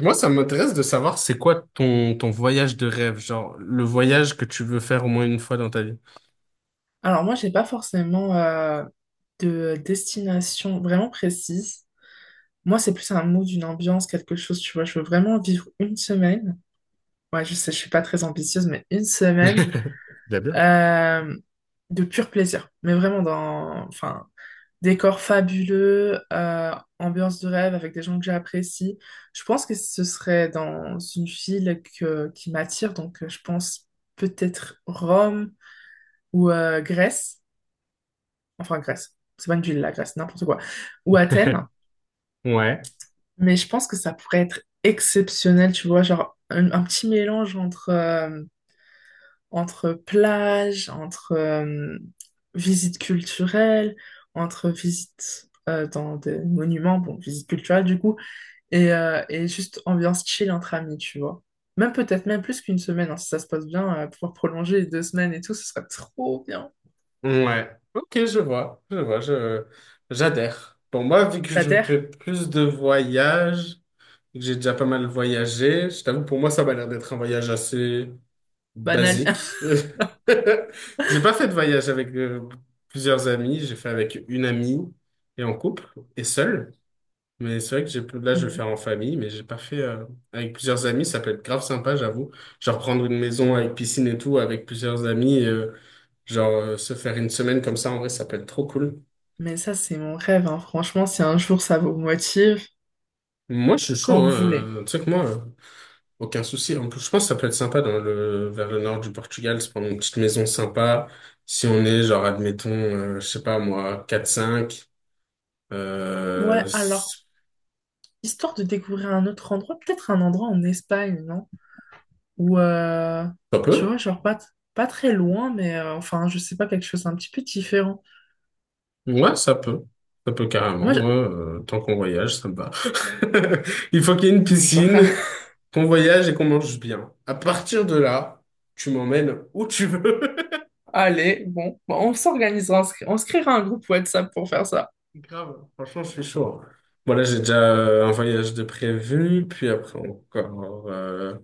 Moi, ça m'intéresse de savoir c'est quoi ton voyage de rêve, genre le voyage que tu veux faire au moins une fois dans ta vie. Alors moi, j'ai pas forcément de destination vraiment précise. Moi, c'est plus un mot d'une ambiance, quelque chose, tu vois. Je veux vraiment vivre une semaine. Ouais, je sais, je suis pas très ambitieuse, mais une semaine euh, de pur plaisir. Mais vraiment dans, enfin, décor fabuleux, ambiance de rêve avec des gens que j'apprécie. Je pense que ce serait dans une ville que, qui m'attire, donc je pense peut-être Rome ou Grèce. Enfin Grèce, c'est pas une ville la Grèce, n'importe quoi, ou Athènes, Ouais. mais je pense que ça pourrait être exceptionnel, tu vois, genre un petit mélange entre, entre plage, entre visite culturelle, entre visite dans des monuments, bon, visite culturelle du coup, et juste ambiance chill entre amis, tu vois. Même peut-être même plus qu'une semaine, hein, si ça se passe bien, pouvoir prolonger les deux semaines et tout, ce serait trop bien. Ouais. Ok, je vois, j'adhère. Bon, moi, vu que La je fais terre, plus de voyages, et que j'ai déjà pas mal voyagé, je t'avoue, pour moi, ça m'a l'air d'être un voyage assez banal. basique. J'ai pas fait de voyage avec plusieurs amis, j'ai fait avec une amie et en couple et seul. Mais c'est vrai que j'ai, là, je vais le faire en famille, mais j'ai pas fait avec plusieurs amis. Ça peut être grave sympa, j'avoue. Genre prendre une maison avec piscine et tout, avec plusieurs amis, et, genre se faire une semaine comme ça, en vrai, ça peut être trop cool. Mais ça, c'est mon rêve, hein. Franchement, si un jour ça vous motive, Moi, je suis chaud, quand vous hein. voulez. Tu sais que moi, aucun souci. En plus, je pense que ça peut être sympa dans le, vers le nord du Portugal, se prendre une petite maison sympa. Si on est, genre, admettons, je sais pas moi, quatre cinq Ouais, alors, c'est histoire de découvrir un autre endroit, peut-être un endroit en Espagne, non? Ou, pas tu peu. vois, genre pas, pas très loin, mais enfin, je sais pas, quelque chose un petit peu différent. Ouais, ça peut. Ça peut carrément. Moi, Ouais, tant qu'on voyage, ça me va. Il faut qu'il y ait une je... genre, piscine, qu'on voyage et qu'on mange bien. À partir de là, tu m'emmènes où tu veux. allez, bon, bon, on s'organisera, on se créera un groupe WhatsApp pour faire ça. Grave, franchement, je suis chaud. Hein. Voilà, j'ai déjà un voyage de prévu, puis après encore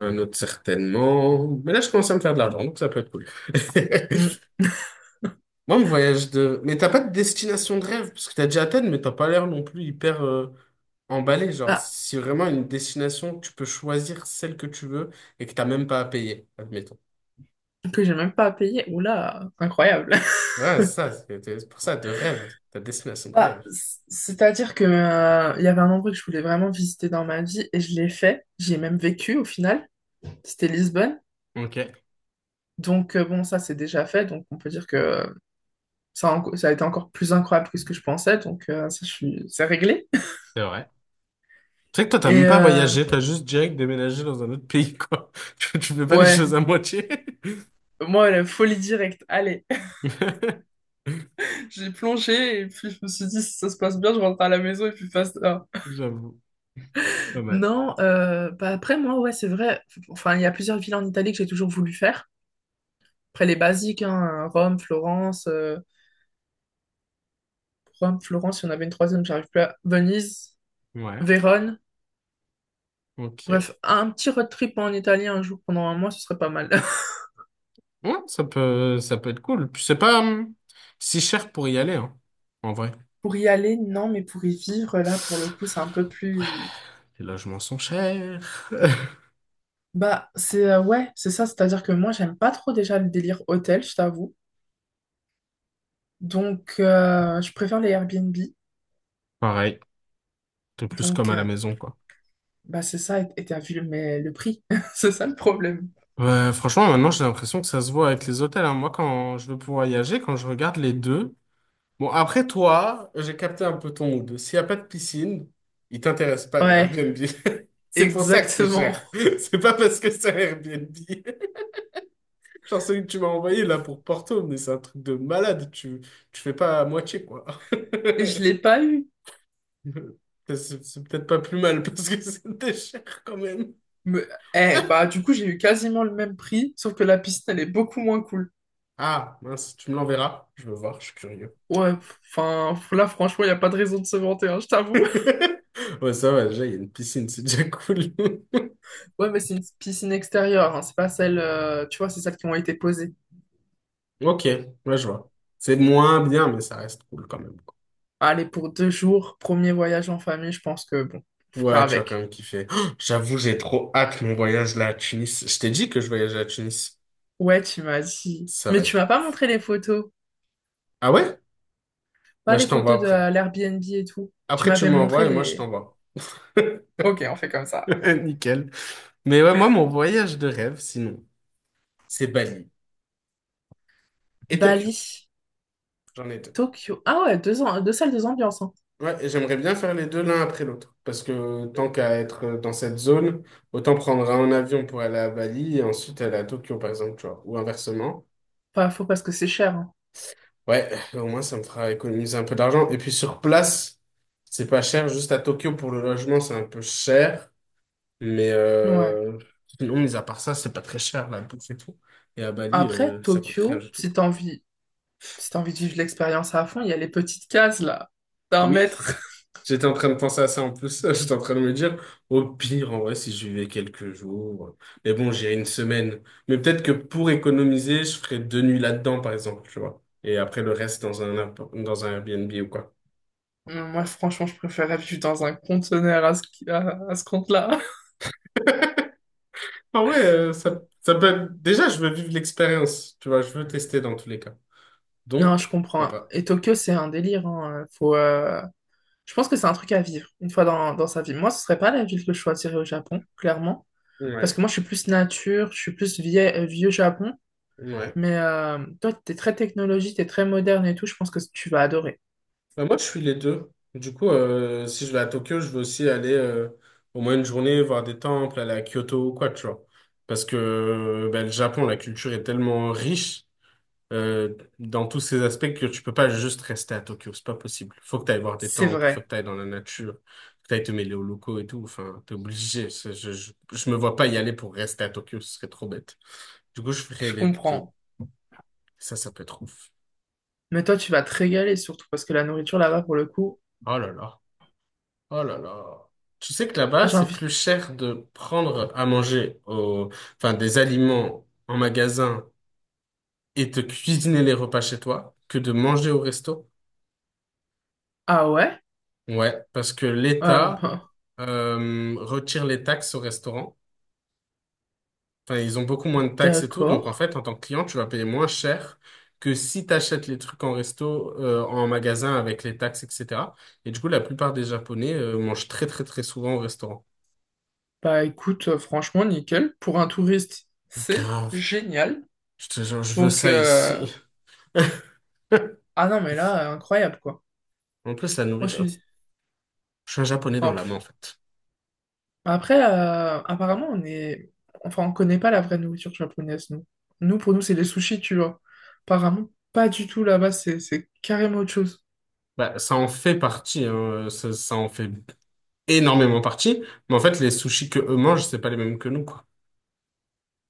un autre certainement. Mais là, je commence à me faire de l'argent, donc ça peut être cool. Hmm. Moi, mon voyage de... Mais t'as pas de destination de rêve, parce que t'as déjà Athènes, mais t'as pas l'air non plus hyper... emballé, genre, Bah, si vraiment une destination, tu peux choisir celle que tu veux et que t'as même pas à payer, admettons. que j'ai même pas à payer. Oula, incroyable. Ouais, c'est ça, c'est pour ça, de rêve, ta destination de Bah, rêve. C'est-à-dire que il y avait un endroit que je voulais vraiment visiter dans ma vie et je l'ai fait. J'y ai même vécu au final. C'était Lisbonne. Ok, Donc bon, ça c'est déjà fait. Donc on peut dire que ça a été encore plus incroyable que ce que je pensais. Donc ça, je suis, c'est réglé. c'est vrai. Tu sais que toi, t'as Et même pas voyagé, t'as juste direct déménagé dans un autre pays, quoi. Tu fais pas les ouais, choses à moitié. moi la folie directe. Allez, j'ai plongé et puis je me suis dit si ça se passe bien, je rentre à la maison et puis passe. J'avoue, pas mal. Non, bah après moi ouais c'est vrai. Enfin il y a plusieurs villes en Italie que j'ai toujours voulu faire. Après, les basiques, hein, Rome, Florence, il y en avait une troisième, j'arrive plus à... Venise, Ouais, Vérone. ok. Bref, un petit road trip en Italie un jour pendant un mois, ce serait pas mal. Ouais, ça peut être cool. Puis c'est pas si cher pour y aller, hein, en vrai. Pour y aller, non, mais pour y vivre, là, pour le coup, c'est un peu plus... Les logements sont chers. Bah, c'est... ouais, c'est ça, c'est-à-dire que moi, j'aime pas trop déjà le délire hôtel, je t'avoue. Donc, je préfère les Airbnb. Pareil, t'es plus comme Donc, à la maison, quoi. bah, c'est ça, et t'as vu le, mais le prix. C'est ça le problème. Ouais, franchement, maintenant, j'ai l'impression que ça se voit avec les hôtels. Hein. Moi, quand je veux voyager, quand je regarde les deux, bon, après toi, j'ai capté un peu ton mood. S'il n'y a pas de piscine, il t'intéresse pas, le Ouais, Airbnb. C'est pour ça que c'est exactement. cher. C'est pas parce que c'est un Airbnb. Genre celui que tu m'as envoyé là pour Porto, mais c'est un truc de malade. Tu fais pas à moitié, quoi. Et je l'ai pas eu. C'est peut-être pas plus mal parce que c'était cher quand même. Me- Eh, bah, du coup, j'ai eu quasiment le même prix, sauf que la piscine, elle est beaucoup moins cool. Ah, mince, tu me l'enverras. Je veux voir, je suis curieux. Ouais, enfin, là, franchement, il n'y a pas de raison de se vanter, hein, je t'avoue. Ouais, ça va, déjà, il y a une piscine, c'est déjà cool. Ouais, mais c'est une piscine extérieure, hein, c'est pas celle, tu vois, c'est celles qui ont été posées. Ok, ouais, je vois. C'est moins bien, mais ça reste cool quand même, quoi. Allez, pour deux jours, premier voyage en famille, je pense que, bon, on fera Ouais, tu vas quand avec. même kiffer. Oh, j'avoue, j'ai trop hâte mon voyage là à Tunis. Je t'ai dit que je voyage à Tunis. Ouais, tu m'as dit. Ça va Mais tu être. m'as pas montré les photos. Ah ouais? Pas Bah, les je t'envoie photos de après. l'Airbnb et tout. Tu Après, tu m'avais montré m'envoies et moi, je les... t'envoie. Ok, on fait comme ça. Nickel. Mais ouais, moi, mon voyage de rêve, sinon, c'est Bali et Tokyo. Bali, J'en ai deux. Tokyo. Ah ouais, deux, ans, deux salles, deux ambiances, hein. Ouais, et j'aimerais bien faire les deux l'un après l'autre. Parce que tant qu'à être dans cette zone, autant prendre un avion pour aller à Bali et ensuite aller à Tokyo, par exemple, tu vois. Ou inversement. Pas faux parce que c'est cher, hein. Ouais, au moins ça me fera économiser un peu d'argent. Et puis sur place, c'est pas cher. Juste à Tokyo pour le logement, c'est un peu cher. Mais Ouais. Sinon, mis à part ça, c'est pas très cher la bouffe et tout. Et à Bali, Après, ça coûte rien Tokyo, du tout. si t'as envie, si t'as envie de vivre l'expérience à fond, il y a les petites cases là, d'un Oui, mètre. j'étais en train de penser à ça en plus. J'étais en train de me dire, au pire, en vrai, si je vivais quelques jours. Mais bon, j'irai une semaine. Mais peut-être que pour économiser, je ferais deux nuits là-dedans, par exemple, tu vois. Et après, le reste dans un, dans un Airbnb ou quoi. Moi, franchement, je préférais vivre dans un conteneur à à ce compte-là. Ah ouais, ça, ça peut être... Déjà, je veux vivre l'expérience, tu vois. Je veux tester dans tous les cas. Non, Donc, je pourquoi comprends. pas. Et Tokyo, c'est un délire. Hein. Faut, je pense que c'est un truc à vivre une fois dans, dans sa vie. Moi, ce serait pas la ville que je choisirais au Japon, clairement. Parce que Ouais, moi, je suis plus nature, je suis plus vieux Japon. ouais. Mais toi, t'es très technologie, t'es très moderne et tout. Je pense que tu vas adorer. Bah, moi, je suis les deux. Du coup, si je vais à Tokyo, je vais aussi aller au moins une journée voir des temples, aller à Kyoto ou quoi, tu vois. Parce que bah, le Japon, la culture est tellement riche dans tous ces aspects que tu peux pas juste rester à Tokyo. C'est pas possible. Faut que tu ailles voir des C'est temples, faut que vrai. tu ailles dans la nature, faut que tu ailles te mêler aux locaux et tout. Enfin, t'es obligé. Je me vois pas y aller pour rester à Tokyo, ce serait trop bête. Du coup, je ferai Je les deux. comprends. Ça peut être ouf. Mais toi, tu vas te régaler surtout parce que la nourriture là-bas, pour le coup, Oh là là. Oh là là. Tu sais que ah, là-bas, j'ai c'est envie. plus cher de prendre à manger au... enfin, des aliments en magasin et de cuisiner les repas chez toi que de manger au resto. Ah ouais? Ouais, parce que l'État Bah, retire les taxes au restaurant. Enfin, ils ont beaucoup moins de taxes et tout. Donc, d'accord. en fait, en tant que client, tu vas payer moins cher que si tu achètes les trucs en resto, en magasin avec les taxes, etc. Et du coup, la plupart des Japonais mangent très, très, très souvent au restaurant. Bah écoute, franchement, nickel. Pour un touriste, c'est Grave. génial. Je te jure, je veux Donc, ça ici. ah non, mais là, incroyable quoi. En plus, la Moi, je nourriture, suis. je suis un japonais dans En l'âme, en plus... fait. Après, apparemment, on est. Enfin, on connaît pas la vraie nourriture japonaise, nous. Nous, pour nous, c'est les sushis, tu vois. Apparemment, pas du tout là-bas, c'est carrément autre chose. Bah, ça en fait partie, hein. Ça en fait énormément partie. Mais en fait, les sushis que eux mangent, c'est pas les mêmes que nous, quoi.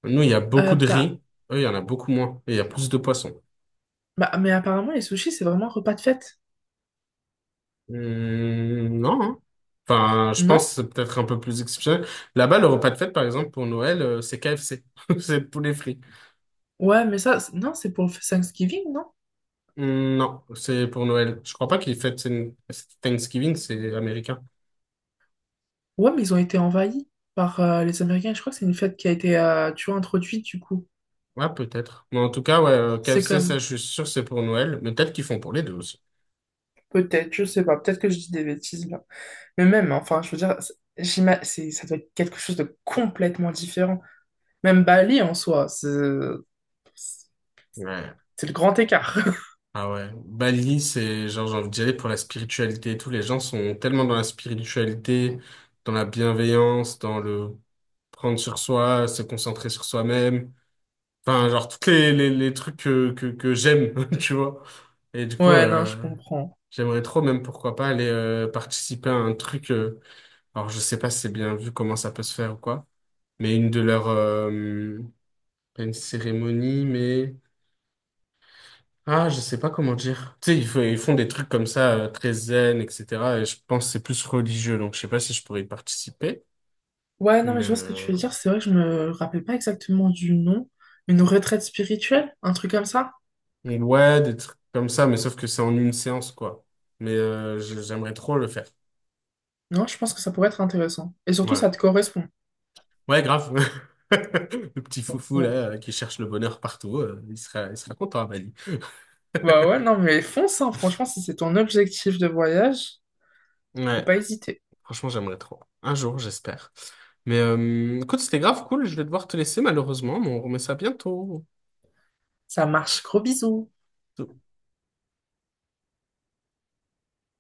Nous, il y a beaucoup Euh, de bah, riz. Eux, il y en a beaucoup moins. Et il y a plus de poissons. bah, mais apparemment, les sushis, c'est vraiment repas de fête. Non, hein. Enfin, je pense Non? que c'est peut-être un peu plus exceptionnel. Là-bas, le repas de fête, par exemple, pour Noël, c'est KFC. C'est poulet frit. Ouais, mais ça, non, c'est pour Thanksgiving, non? Non, c'est pour Noël. Je crois pas qu'ils fêtent Thanksgiving, c'est américain. Ouais, mais ils ont été envahis par les Américains. Je crois que c'est une fête qui a été, tu vois, introduite, du coup. Ouais, peut-être. Mais en tout cas, ouais, C'est KFC, comme... ça, je suis sûr, c'est pour Noël. Mais peut-être qu'ils font pour les deux aussi. Peut-être, je sais pas, peut-être que je dis des bêtises là. Mais même, hein, enfin, je veux dire, c'est, ça doit être quelque chose de complètement différent. Même Bali en soi, Ouais. c'est le grand écart. Ah ouais. Bali, c'est genre, j'ai envie d'y aller pour la spiritualité et tout. Les gens sont tellement dans la spiritualité, dans la bienveillance, dans le prendre sur soi, se concentrer sur soi-même. Enfin, genre, tous les trucs que j'aime, tu vois. Et du coup, Ouais, non, je comprends. j'aimerais trop, même pourquoi pas, aller participer à un truc. Alors, je sais pas si c'est bien vu comment ça peut se faire ou quoi, mais une de leurs pas une cérémonie, mais... Ah, je sais pas comment dire. Tu sais, ils font des trucs comme ça, très zen, etc. Et je pense que c'est plus religieux, donc je sais pas si je pourrais y participer. Ouais, non, mais Mais je vois ce que tu veux euh, dire. C'est vrai que je me rappelle pas exactement du nom. Une retraite spirituelle, un truc comme ça. mais ouais, des trucs comme ça, mais sauf que c'est en une séance, quoi. Mais j'aimerais trop le faire. Non, je pense que ça pourrait être intéressant. Et surtout, Ouais. ça te correspond. Ouais, grave. Le petit foufou, là, Ou- qui cherche le bonheur partout, il sera content à Bali. Bah ouais, non, mais fonce, hein, franchement, si c'est ton objectif de voyage, faut Ouais, pas hésiter. franchement, j'aimerais trop. Un jour, j'espère. Mais écoute, c'était grave cool. Je vais devoir te laisser, malheureusement, mais on remet ça bientôt. Ça marche, gros bisous. So